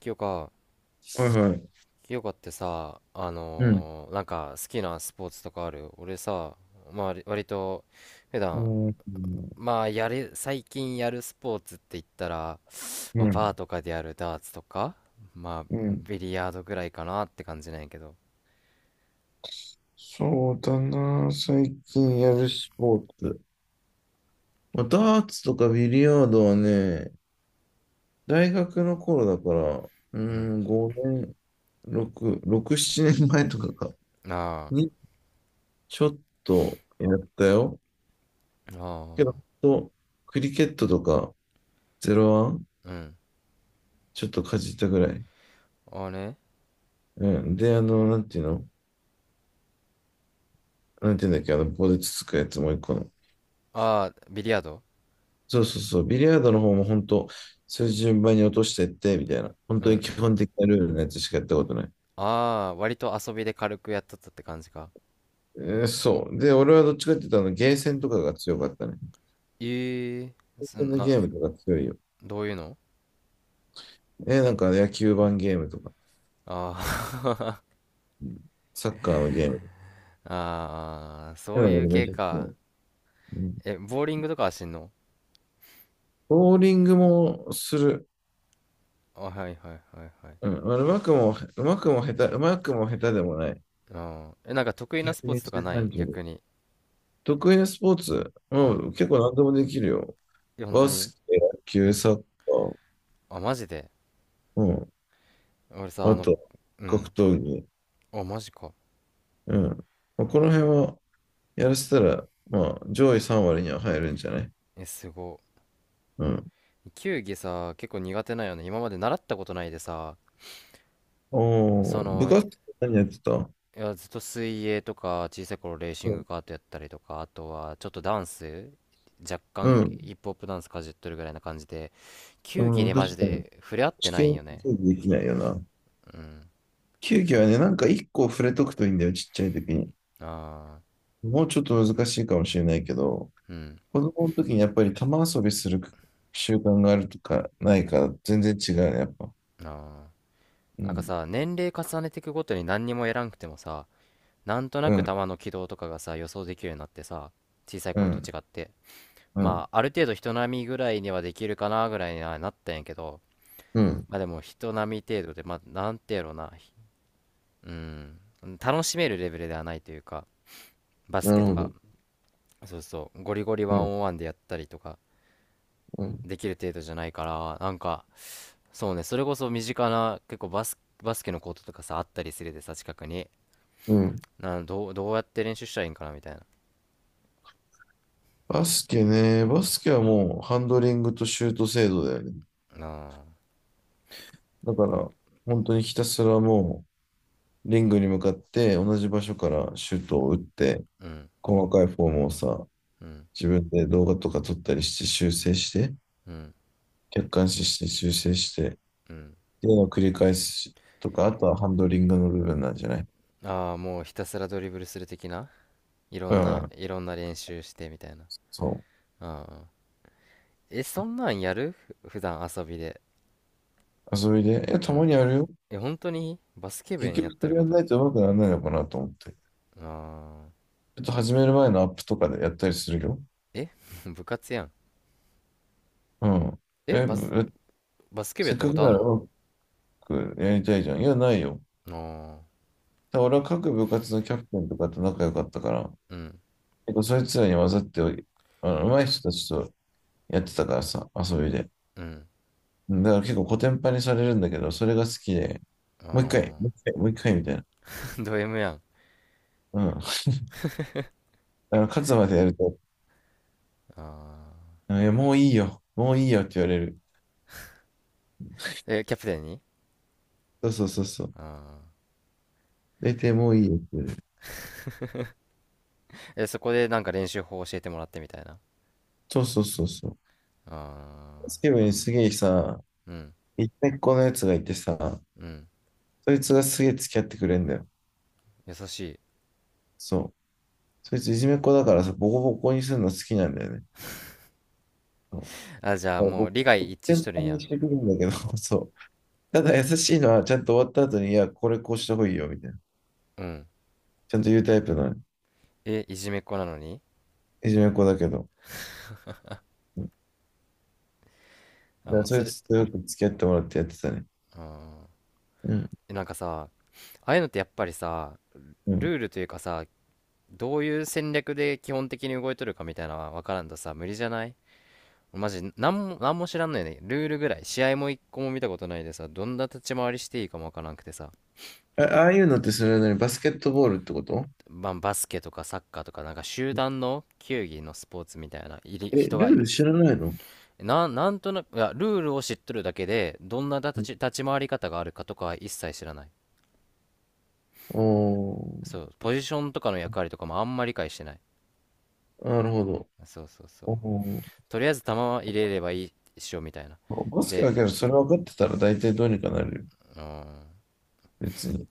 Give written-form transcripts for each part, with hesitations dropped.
清香、はいはい。清香ってさ、うん。なんか好きなスポーツとかある？俺さ、まあ割と普段、うん。まあ最近やるスポーツって言ったら、うまあバーん。とかでやるダーツとか、まうあん。ビリヤードぐらいかなって感じなんやけど。そうだな。最近やるスポーツ。まあ、ダーツとかビリヤードはね、大学の頃だから、ううん。ん、5年、6、6、7年前とかか、あにちょっとやったよ。あ、あけど、ほんあ、とクリケットとか、ゼロワン、うん。ちょっとかじったぐらい。ああね。うん。で、なんていうんだっけ、棒でつつくやつもう一個の。ああ、ビリヤード。そうそうそう、ビリヤードの方も本当、そういう順番に落としてって、みたいな。本うん当うに基ん。本的なルールのやつしかやったことない。ああ、割と遊びで軽くやっとったって感じか。そう。で、俺はどっちかって言ったら、あのゲーセンとかが強かったね。ええ、ゲーそセンんのな、ゲームとか強いよ。どういうの？なんか野球盤ゲームとか、ああ うん、サッカーのゲーム。ああ、そういう俺めっ系ちゃ強か。い。うん、え、ボーリングとかはしんの？ボーリングもする。あ、はいはいはいはい。うん、うまくも下手でもない。うん。え、なんか得意なスポーツとか120、ない？30。逆に。得意なスポーツ、ううん。ん、結構何でもできるよ。いや、本当バに？スケ、野う球、ん。サッカー、あ、マジで？うん。俺さ、ああの、と、う格ん。闘技。あ、マジか。うん。まあこの辺はやらせたら、まあ、上位3割には入るんじゃない？え、すご。うん。球技さ、結構苦手なんよね。今まで習ったことないでさ、おそー、部の、活何やってた？いや、ずっと水泳とか、小さい頃レーシングうカートやったりとか、あとはちょっとダンス、若干ん。ヒップホップダンスかじっとるぐらいな感じで、球技うん、でマジ確かに。で触れ合って試ないん験よね。競技できないよな。うん。球技はね、なんか1個触れとくといいんだよ、ちっちゃい時に。ああ、もうちょっと難しいかもしれないけど、うん。子供の時にやっぱり玉遊びする習慣があるとかないから、全然違うね、やっぱ。ああ。うなんかん、さ、年齢重ねていくごとに何にもやらんくてもさ、なんとなうくん、球の軌道とかがさ、予想できるようになってさ、小さいう頃とん、違って。うん、まあ、ある程度人並みぐらいにはできるかなぐらいにはなったんやけど、うん。まあでも人並み程度で、まあ、なんてやろうな。うん、楽しめるレベルではないというか、バスなケるとほか、ど。そうそう、ゴリゴリワうンん、オンワンでやったりとか、うん、できる程度じゃないから、なんか、そうね、それこそ身近な、結構バスケのコートとかさ、あったりするでさ、近くに。うん。な、どう、どうやって練習したらいいんかな、みたいな。バスケね、バスケはもうハンドリングとシュート精度だよね。ああ、だから、本当にひたすらもう、リングに向かって同じ場所からシュートを打って、うん、細かいフォームをさ、うん、自分で動画とか撮ったりして修正して、うん、客観視して修正して、っうん。ていうのを繰り返すとか、あとはハンドリングの部分なんじゃない？ああ、もうひたすらドリブルする的な、うん、いろんな練習してみたいな。そああ。え、そんなんやる普段遊びで。う。遊びで、いや、うたまん。にやるよ。え、本当にバスケ部員や結っ局、てそるれやこんと。ないと上手くならないのかなと思って。あー、ちょっと始める前のアップとかでやったりするよ。え 部活やん。うん。え、え、バスケ部やせっったかこくとあなんらの？うまくやりたいじゃん。いや、ないよ。あただ俺は各部活のキャプテンとかと仲良かったから、あー、うん、結構そいつらに混ざって、上手い人たちとやってたからさ、遊びで。うん、うん。だから結構コテンパンにされるんだけど、それが好きで、もう一回、あもう一回、もう一回みたいな。あ、ド M やん。うん。勝つまでやると、ああ、うん、いや、もういいよ、もういいよって言われる。え、キャプテンに？そうそうそうそう。あ出てもういいよって言われる。あ、え、そこでなんか練習法教えてもらってみたいな。そうそうそうそう。ああ、スケブにすげえさ、うん、一回このやつがいてさ、うん、そいつがすげえ付き合ってくれんだよ。優しい。そう。そいついじめっ子だからさ、ボコボコにするの好きなんだよね。そう。だあ、じゃあからもう僕、利害一致し全とる般んにや。してくるんだけど、そう。ただ優しいのは、ちゃんと終わった後に、いや、これこうした方がいいよ、みたいな。うん。ちゃんと言うタイプの。え、いじめっ子なのに？いじめっ子だけど。うん。だあ、かもらうそそいれ、つとよく付き合ってもらってやってたね。あー、うん。え、なんかさ、ああいうのってやっぱりさ、うルん。ールというかさ、どういう戦略で基本的に動いとるかみたいなのは分からんとさ、無理じゃない？マジ、なんも知らんのよね。ルールぐらい。試合も一個も見たことないでさ、どんな立ち回りしていいかも分からなくてさ。あ、ああいうのってそれなりにバスケットボールってこと？まあ、バスケとかサッカーとか、なんか集団の球技のスポーツみたいな、いりえ、人ルが、ール知らないの？なんとなく、いや、ルールを知っとるだけで、どんなうん。立ち回り方があるかとかは一切知らない。おそう、ポジションとかの役割とかもあんまり理解してない。ー、なるほど。そうそうそう。おー、とりあえず球は入れればいいっしょ、みたいな。バスケだで、けど、それ分かってたら大体どうにかなるよ。うーん。別に。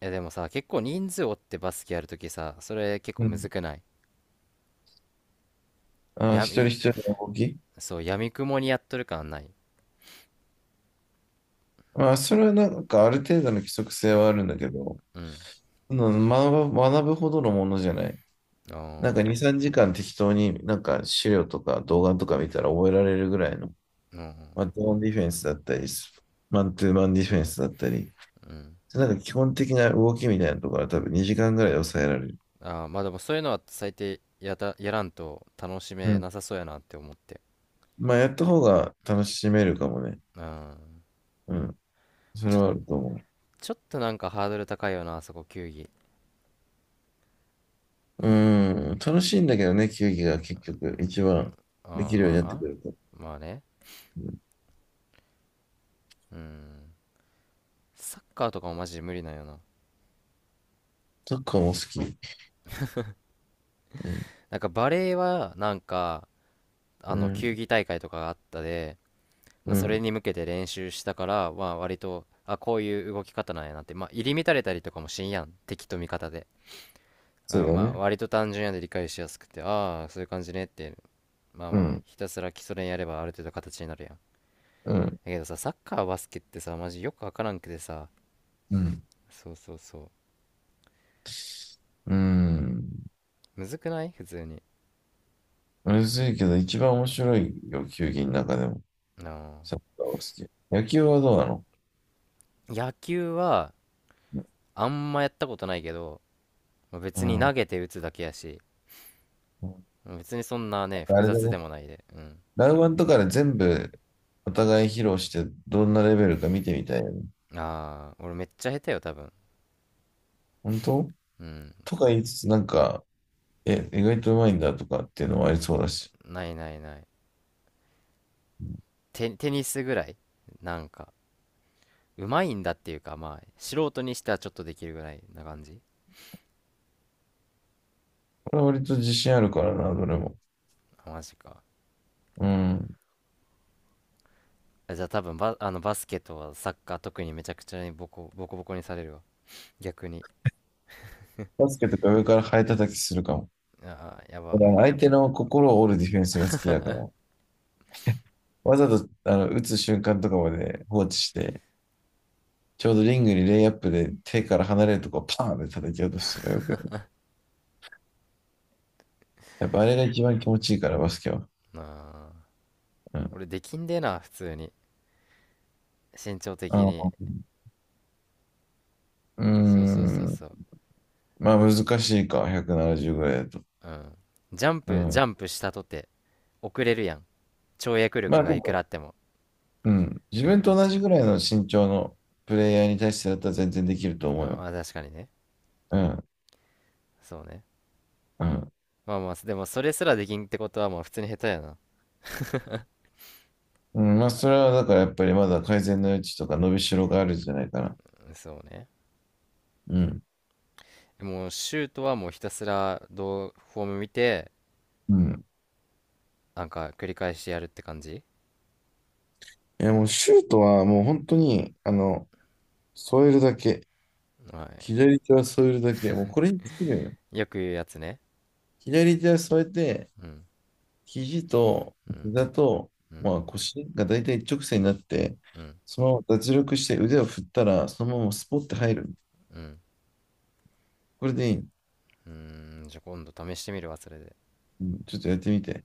いやでもさ、結構人数おってバスケやるときさ、それ結構うむずん。くない？あー、や一人み、一人の動き？そう、やみくもにやっとる感ない。まあ、それはなんかある程度の規則性はあるんだけど、うん。うん。学ぶほどのものじゃない。あなんかあ、2、3時間適当になんか資料とか動画とか見たら覚えられるぐらいの、うん、マットオンディフェンスだったり、マントゥーマンディフェンスだったり、うん。なんか基本的な動きみたいなところは多分2時間ぐらいで抑えられる。ああ、まあでもそういうのは最低やらんと楽しうめん。なさそうやなって思って。まあ、やった方が楽しめるかもね。うん。うん。それちはあょ、ると思ちょっとなんかハードル高いよな、あそこ球技。う。うん。楽しいんだけどね、球技が結局一番うできん、るようにまなってあ、くると。まあね。うん。うん。サッカーとかもマジで無理なんよな。サッカーも好き。うん、なんかバレーは、なんか、うん、球技大会とかがあったで、まうあ、それん、に向けて練習したから、まあ、割と、あ、こういう動き方なんやなって、まあ、入り乱れたりとかもしんやん敵と味方で、そうあ、だよまあ、ね。割と単純やで理解しやすくて、ああー、そういう感じねって、まあうまあ、ん、ひたすら基礎練やればある程度形になるやん。だうん、けどさ、サッカーバスケってさ、マジよくわからんくてさ、うん、そうそうそう、うん。むずくない？普通に。うるせえけど、一番面白いよ、球技の中でも。あサッカーは好き。野球はどうなの？ー、野球はあんまやったことないけど、まあ、う別に投ん。げて打つだけやし、うん、別にそんなね、あ複れだ雑ね。でもないで。うん。ラウワンとかで全部お互い披露して、どんなレベルか見てみたいよね。ああ、俺めっちゃ下手よ、多分。本当？うん。とか言いつつ、なんか、え、意外とうまいんだとかっていうのはありそうだし。ないないない。テニスぐらい、なんか、うまいんだっていうか、まあ素人にしてはちょっとできるぐらいな感じ。これは割と自信あるからな、どれも。あ、マジか。うん。あ、じゃあ多分、バ、あのバスケとはサッカー特に、めちゃくちゃにボコボコにされるわ、逆に。バスケとか上からハエ叩きするかも。ああ、やば。俺は相手の心を折るディフェンスが好きだから。わざと、打つ瞬間とかまで放置して、ちょうどリングにレイアップで手から離れるとこをパーンって叩き落とすとかよくやる。やっぱあれが一番気持ちいいから、バスケは。なあ、うん。俺できんでな、普通に、身長あ的のに。うーそうそうそうん。そう。まあ難しいか、170ぐらいだと。うん。うジャん。ンプしたとて遅れるやん、跳躍ま力あがでいくらも、あっても。うん。自うん。分うとん。同じぐらいの身長のプレイヤーに対してだったら全然できると思うあ、よ。まあ確かにね。うん。そうね。うん。まあまあ、でもそれすらできんってことは、まあ普通に下手やな。うん、まあそれはだからやっぱりまだ改善の余地とか伸びしろがあるんじゃないかな。うん、そうね。うん。もうシュートはもうひたすら、どうフォーム見て、うん。なんか繰り返してやるって感じ。いや、もうシュートはもう本当に、添えるだけ。は左手は添えるだけ。もうこれに尽きるんよ。い。よく言うやつね。左手は添えて、うん、肘とうん、膝と、うん、まあ腰が大体一直線になって、うん、そのまま脱力して腕を振ったら、そのままスポッて入る。うん。これでいい。うーん、じゃあ今度試してみるわ、それで。うん、ちょっとやってみて。